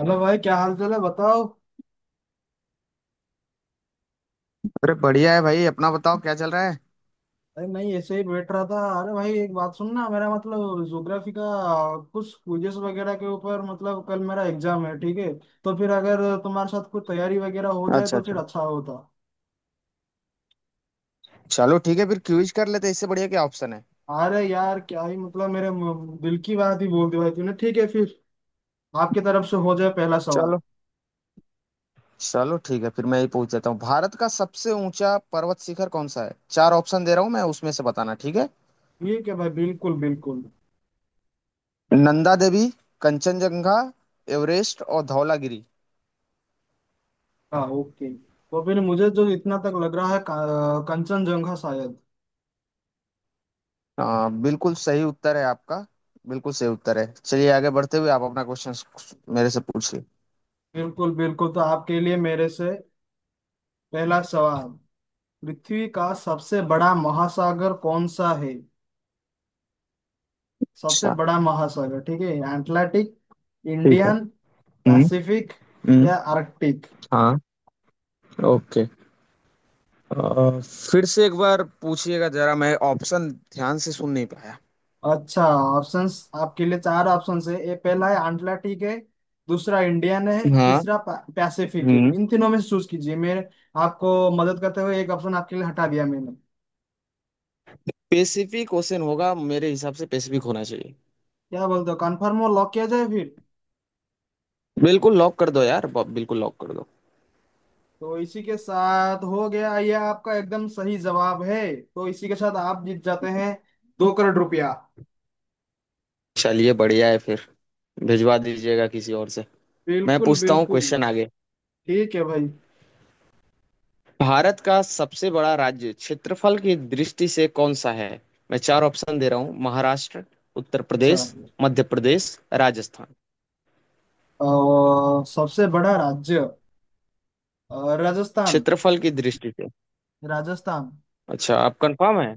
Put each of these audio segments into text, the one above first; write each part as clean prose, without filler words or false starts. Hello भाई, क्या हाल चाल है बताओ। अरे बढ़िया है भाई। अपना बताओ, क्या चल रहा है। अरे नहीं, ऐसे ही बैठ रहा था। अरे भाई, एक बात सुनना। मेरा मतलब ज्योग्राफी का कुछ क्विजेस वगैरह के ऊपर, मतलब कल मेरा एग्जाम है, ठीक है। तो फिर अगर तुम्हारे साथ कुछ तैयारी वगैरह हो जाए अच्छा तो फिर अच्छा। अच्छा होता। चलो ठीक है, फिर क्विज कर लेते हैं। इससे बढ़िया क्या ऑप्शन है। अरे यार, क्या ही, मतलब, मेरे दिल की बात ही बोल दी भाई तूने। ठीक है फिर, आपकी तरफ से हो जाए पहला सवाल। चलो। चलो ठीक है, फिर मैं ही पूछ देता हूँ। भारत का सबसे ऊंचा पर्वत शिखर कौन सा है। चार ऑप्शन दे रहा हूँ मैं, उसमें से बताना। ठीक है, ठीक है भाई, बिल्कुल बिल्कुल। नंदा देवी, कंचनजंगा, एवरेस्ट और धौलागिरी। हाँ ओके। तो फिर मुझे जो इतना तक लग रहा है, कंचनजंगा शायद। हाँ, बिल्कुल सही उत्तर है आपका। बिल्कुल सही उत्तर है। चलिए आगे बढ़ते हुए, आप अपना क्वेश्चन मेरे से पूछिए। बिल्कुल बिल्कुल, तो आपके लिए मेरे से पहला सवाल, पृथ्वी का सबसे बड़ा महासागर कौन सा है? सबसे अच्छा। बड़ा महासागर, ठीक है। एटलांटिक, ठीक है। इंडियन, हम्म। पैसिफिक हम्म। या आर्कटिक। हाँ। ओके। फिर से एक बार पूछिएगा जरा, मैं ऑप्शन ध्यान से सुन नहीं पाया। अच्छा, ऑप्शंस। आपके लिए चार ऑप्शंस है, ये पहला है अटलांटिक है, दूसरा इंडियन है, हाँ। तीसरा पैसिफिक है। हम्म। इन तीनों में से चूज कीजिए। मैं आपको मदद करते हुए एक ऑप्शन आपके लिए हटा दिया मैंने। पेसिफिक ओशन होगा मेरे हिसाब से। पेसिफिक होना चाहिए। क्या बोलते हो, कंफर्म और लॉक किया जाए फिर? बिल्कुल लॉक कर दो यार। बिल्कुल लॉक कर दो। तो इसी के साथ हो गया, ये आपका एकदम सही जवाब है, तो इसी के साथ आप जीत जाते हैं 2 करोड़ रुपया। चलिए बढ़िया है फिर। भिजवा दीजिएगा किसी और से। मैं बिल्कुल पूछता हूँ बिल्कुल। क्वेश्चन आगे। ठीक है भाई। भारत का सबसे बड़ा राज्य क्षेत्रफल की दृष्टि से कौन सा है। मैं चार ऑप्शन दे रहा हूँ। महाराष्ट्र, उत्तर अच्छा, प्रदेश, मध्य प्रदेश, राजस्थान। और सबसे बड़ा राज्य? राजस्थान। क्षेत्रफल की दृष्टि से। राजस्थान। अच्छा, आप कंफर्म है।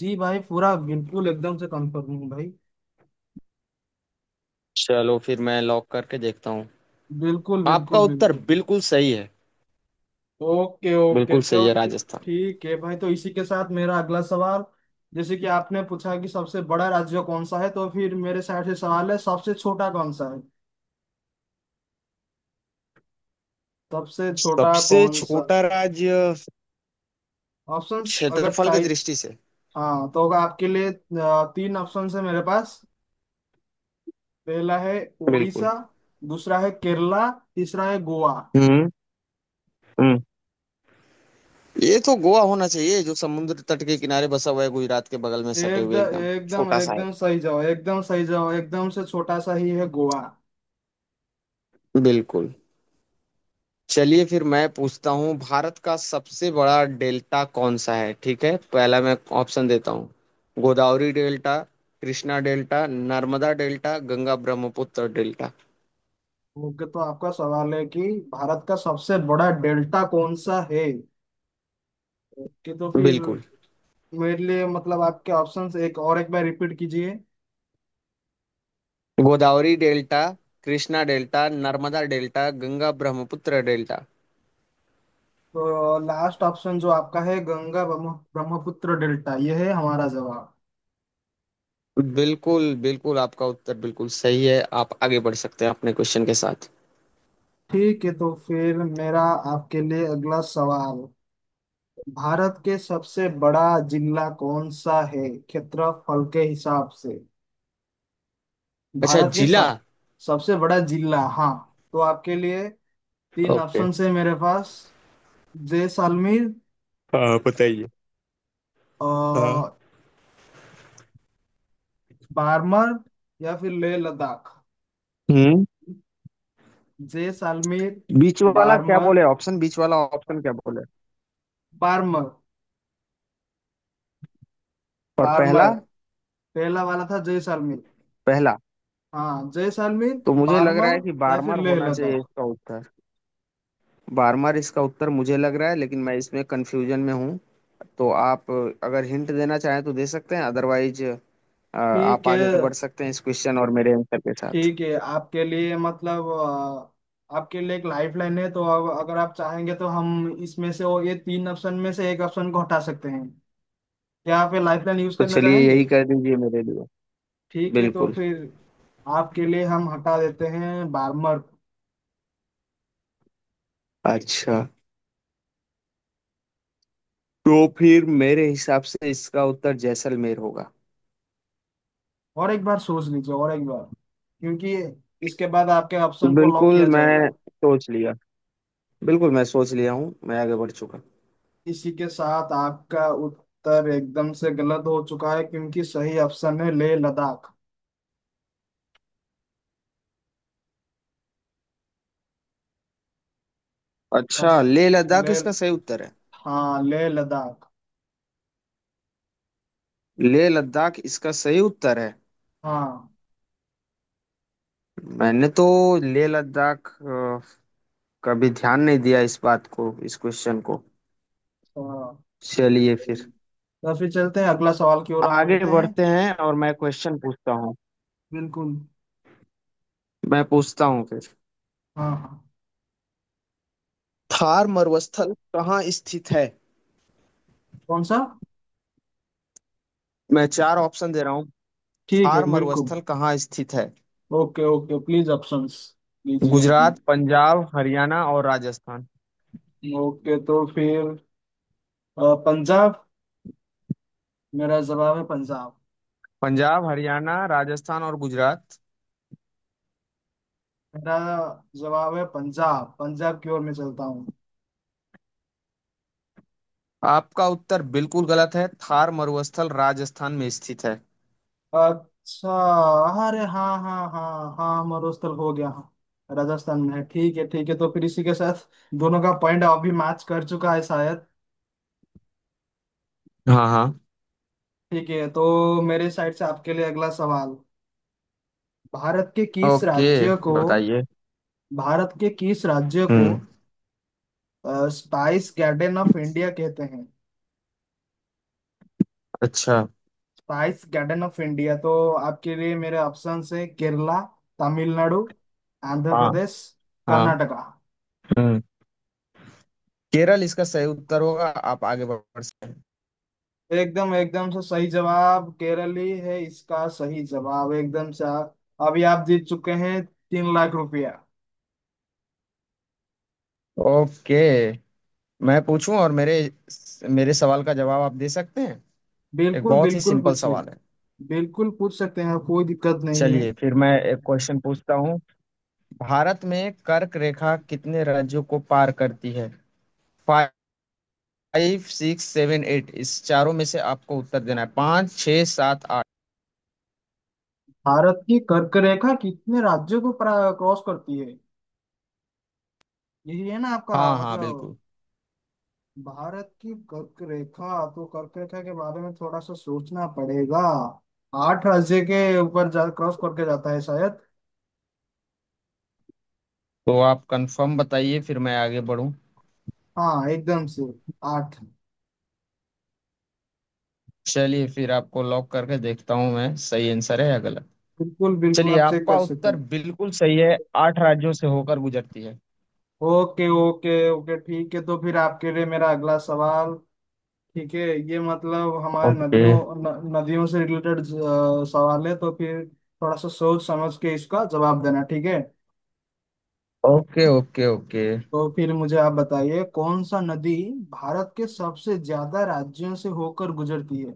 जी भाई, पूरा बिल्कुल एकदम से कंफर्म हूँ भाई। चलो फिर मैं लॉक करके देखता हूँ। बिल्कुल आपका बिल्कुल उत्तर बिल्कुल। बिल्कुल सही है। ओके ओके, बिल्कुल सही है, राजस्थान। ठीक है भाई। तो इसी के साथ मेरा अगला सवाल, जैसे कि आपने पूछा कि सबसे बड़ा राज्य कौन सा है, तो फिर मेरे साइड से सवाल है, सबसे छोटा कौन सा है? सबसे छोटा सबसे कौन सा? छोटा राज्य। ऑप्शंस अगर क्षेत्रफल की चाहिए। दृष्टि से। हाँ, तो होगा आपके लिए तीन ऑप्शन है मेरे पास। पहला है बिल्कुल। उड़ीसा, दूसरा है केरला, तीसरा है गोवा। हम्म। हम्म। ये तो गोवा होना चाहिए, जो समुद्र तट के किनारे बसा हुआ है, गुजरात के बगल में सटे हुए एकदम एकदम एकदम छोटा सा एकदम सही जवाब, एकदम सही जवाब, एकदम से छोटा सा ही है गोवा। है। बिल्कुल। चलिए फिर मैं पूछता हूँ, भारत का सबसे बड़ा डेल्टा कौन सा है। ठीक है, पहला मैं ऑप्शन देता हूँ। Godavari delta, Krishna delta, Narmada delta, Ganga Brahmaputra delta. Okay, तो आपका सवाल है कि भारत का सबसे बड़ा डेल्टा कौन सा है। ओके, तो फिर बिल्कुल। मेरे लिए, मतलब, आपके ऑप्शंस एक और एक बार रिपीट कीजिए। Godavari delta, Krishna delta, Narmada delta, Ganga Brahmaputra delta. तो लास्ट ऑप्शन जो आपका है, गंगा ब्रह्मपुत्र डेल्टा, ये है हमारा जवाब। बिल्कुल बिल्कुल, आपका उत्तर बिल्कुल सही है। आप आगे बढ़ सकते हैं अपने क्वेश्चन के साथ। ठीक है, तो फिर मेरा आपके लिए अगला सवाल, भारत के सबसे बड़ा जिला कौन सा है क्षेत्रफल के हिसाब से? अच्छा, भारत के जिला। सब सबसे बड़ा जिला, हाँ। तो आपके लिए तीन ओके। ऑप्शन है मेरे पास, जैसलमेर, हाँ बताइए। हाँ। और बारमर, या फिर लेह लद्दाख। हम्म। जैसलमेर, बीच वाला क्या बारमर। बोले ऑप्शन, बीच वाला ऑप्शन क्या बोले। बारमर। और बारमर। पहला। पहला वाला था जैसलमेर। पहला। हाँ, जैसलमेर, तो मुझे लग रहा बारमर, है कि या फिर बारमर लेह होना चाहिए लद्दाख। इसका उत्तर। बारमर इसका उत्तर मुझे लग रहा है, लेकिन मैं इसमें कंफ्यूजन में हूँ। तो आप अगर हिंट देना चाहें तो दे सकते हैं, अदरवाइज आप ठीक है, आगे बढ़ सकते हैं इस क्वेश्चन और मेरे आंसर के साथ। ठीक है। आपके लिए, मतलब, आपके लिए एक लाइफ लाइन है। तो अब अगर आप चाहेंगे तो हम इसमें से, वो, ये तीन ऑप्शन में से एक ऑप्शन को हटा सकते हैं। क्या आप ये लाइफ लाइन यूज तो करना चलिए यही चाहेंगे? कर दीजिए मेरे लिए। ठीक है, तो बिल्कुल। फिर आपके लिए हम हटा देते हैं बारमर। अच्छा, तो फिर मेरे हिसाब से इसका उत्तर जैसलमेर होगा। और एक बार सोच लीजिए, और एक बार, क्योंकि इसके बाद आपके ऑप्शन को लॉक बिल्कुल किया मैं जाएगा। सोच लिया। बिल्कुल मैं सोच लिया हूँ, मैं आगे बढ़ चुका। इसी के साथ आपका उत्तर एकदम से गलत हो चुका है, क्योंकि सही ऑप्शन है लेह लद्दाख। अच्छा, बस, लेह लद्दाख ले इसका सही उत्तर है। हाँ लेह लद्दाख। लेह लद्दाख इसका सही उत्तर है। हाँ। मैंने तो लेह लद्दाख कभी ध्यान नहीं दिया इस बात को, इस क्वेश्चन को। तो चलिए फिर तो फिर चलते हैं अगला सवाल की ओर, हम आगे बढ़ते हैं। बढ़ते हैं, और मैं क्वेश्चन पूछता हूँ। बिल्कुल। मैं पूछता हूँ फिर। हाँ हाँ। थार मरुस्थल कहाँ स्थित है। कौन सा? मैं चार ऑप्शन दे रहा हूँ। ठीक है, थार बिल्कुल। मरुस्थल कहाँ स्थित है। ओके ओके, प्लीज ऑप्शंस दीजिए हमें। गुजरात, पंजाब, हरियाणा और राजस्थान। ओके, तो फिर पंजाब। मेरा जवाब है पंजाब। पंजाब, हरियाणा, राजस्थान और गुजरात। मेरा जवाब है पंजाब, पंजाब की ओर मैं चलता हूँ। आपका उत्तर बिल्कुल गलत है। थार मरुस्थल राजस्थान में स्थित है। अच्छा, अरे हाँ हाँ हाँ हाँ, मरुस्थल हो गया, हाँ राजस्थान में है। ठीक है, ठीक है। तो फिर इसी के साथ दोनों का पॉइंट अभी मैच कर चुका है शायद। हाँ हाँ। ठीक है, तो मेरे साइड से आपके लिए अगला सवाल, भारत के किस ओके, राज्य को, बताइए। भारत के किस राज्य को हम्म। स्पाइस गार्डन ऑफ इंडिया कहते हैं? अच्छा। स्पाइस गार्डन ऑफ इंडिया, तो आपके लिए मेरे ऑप्शन है, केरला, तमिलनाडु, आंध्र हाँ। प्रदेश, हाँ। कर्नाटका। हम्म। केरल इसका सही उत्तर होगा। आप आगे बढ़ सकते एकदम एकदम से सही जवाब, केरली है इसका सही जवाब, एकदम से। आप अभी आप जीत चुके हैं 3 लाख रुपया। हैं। ओके। मैं पूछूं, और मेरे मेरे सवाल का जवाब आप दे सकते हैं। एक बिल्कुल बहुत ही बिल्कुल, सिंपल पूछिए। सवाल है। बिल्कुल पूछ सकते हैं, कोई दिक्कत नहीं है। चलिए फिर मैं एक क्वेश्चन पूछता हूँ। भारत में कर्क रेखा कितने राज्यों को पार करती है। 5, 6, 7, 8, इस चारों में से आपको उत्तर देना है। पाँच, छः, सात, आठ। भारत की कर्क रेखा कितने राज्यों को क्रॉस करती है, यही है ना आपका हाँ हाँ मतलब? बिल्कुल। भारत की कर्क रेखा, तो कर्क रेखा के बारे में थोड़ा सा सोचना पड़ेगा। आठ राज्य के ऊपर जा क्रॉस करके जाता है शायद। तो आप कंफर्म बताइए, फिर मैं आगे बढ़ूँ। हाँ एकदम से आठ। चलिए फिर आपको लॉक करके देखता हूँ मैं, सही आंसर है या गलत। बिल्कुल बिल्कुल, चलिए आप चेक आपका कर सकते उत्तर हैं। बिल्कुल सही है, 8 राज्यों से होकर गुजरती है। ओके ओके ओके, ठीक है। तो फिर आपके लिए मेरा अगला सवाल, ठीक है। ये मतलब हमारे ओके नदियों, न, नदियों से रिलेटेड सवाल है। तो फिर थोड़ा सा सोच समझ के इसका जवाब देना, ठीक है। Okay okay. ओके। तो फिर मुझे आप बताइए, कौन सा नदी भारत के सबसे ज्यादा राज्यों से होकर गुजरती है?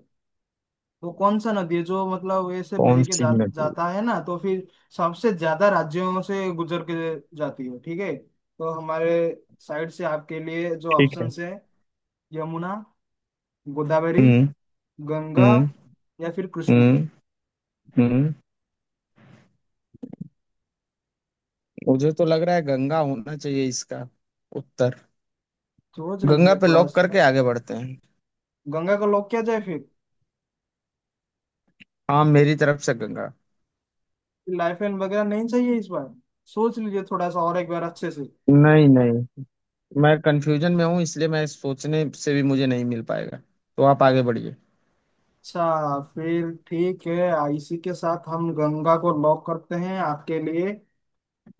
वो कौन सा नदी है जो, मतलब, ऐसे बह कौन के सी नदी। जाता है ना? तो फिर सबसे ज्यादा राज्यों से गुजर के जाती है, ठीक है। तो हमारे साइड से आपके लिए जो ठीक है। ऑप्शंस है, यमुना, गोदावरी, हम्म। गंगा, हम्म। या फिर कृष्णा। हम्म। हम्म। मुझे तो लग रहा है गंगा होना चाहिए इसका उत्तर। सोच गंगा लीजिए पे थोड़ा लॉक सा। करके आगे बढ़ते हैं। गंगा को लोग क्या जाए फिर? हाँ, मेरी तरफ से गंगा। लाइफ लाइन वगैरह नहीं चाहिए इस बार? सोच लीजिए थोड़ा सा और एक बार अच्छे से। नहीं नहीं, मैं कंफ्यूजन में हूँ, इसलिए मैं सोचने से भी मुझे नहीं मिल पाएगा। तो आप आगे बढ़िए। अच्छा फिर ठीक है, इसी के साथ हम गंगा को लॉक करते हैं आपके लिए।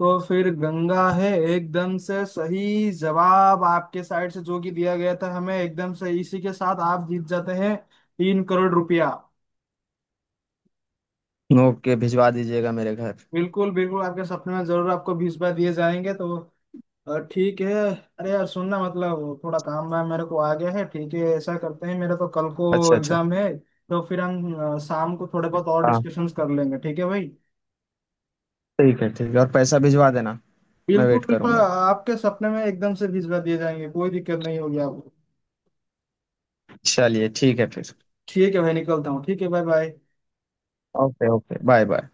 तो फिर गंगा है एकदम से सही जवाब, आपके साइड से जो कि दिया गया था हमें एकदम से। इसी के साथ आप जीत जाते हैं 3 करोड़ रुपया। ओके, भिजवा दीजिएगा मेरे घर। बिल्कुल बिल्कुल, आपके सपने में जरूर आपको भिजवा दिए जाएंगे। तो ठीक है। अरे यार, सुनना, मतलब, थोड़ा काम वाम मेरे को आ गया है, ठीक है। ऐसा करते हैं, मेरा तो कल को अच्छा अच्छा। एग्जाम है, तो फिर हम शाम को थोड़े बहुत और हाँ डिस्कशंस कर लेंगे, ठीक है भाई। ठीक है ठीक है, और पैसा भिजवा देना। मैं बिल्कुल वेट बिल्कुल, करूंगा। आपके सपने में एकदम से भिजवा दिए जाएंगे, कोई दिक्कत नहीं होगी आपको। चलिए ठीक है फिर। ठीक है भाई, निकलता हूँ। ठीक है, bye bye. Okay okay, bye bye.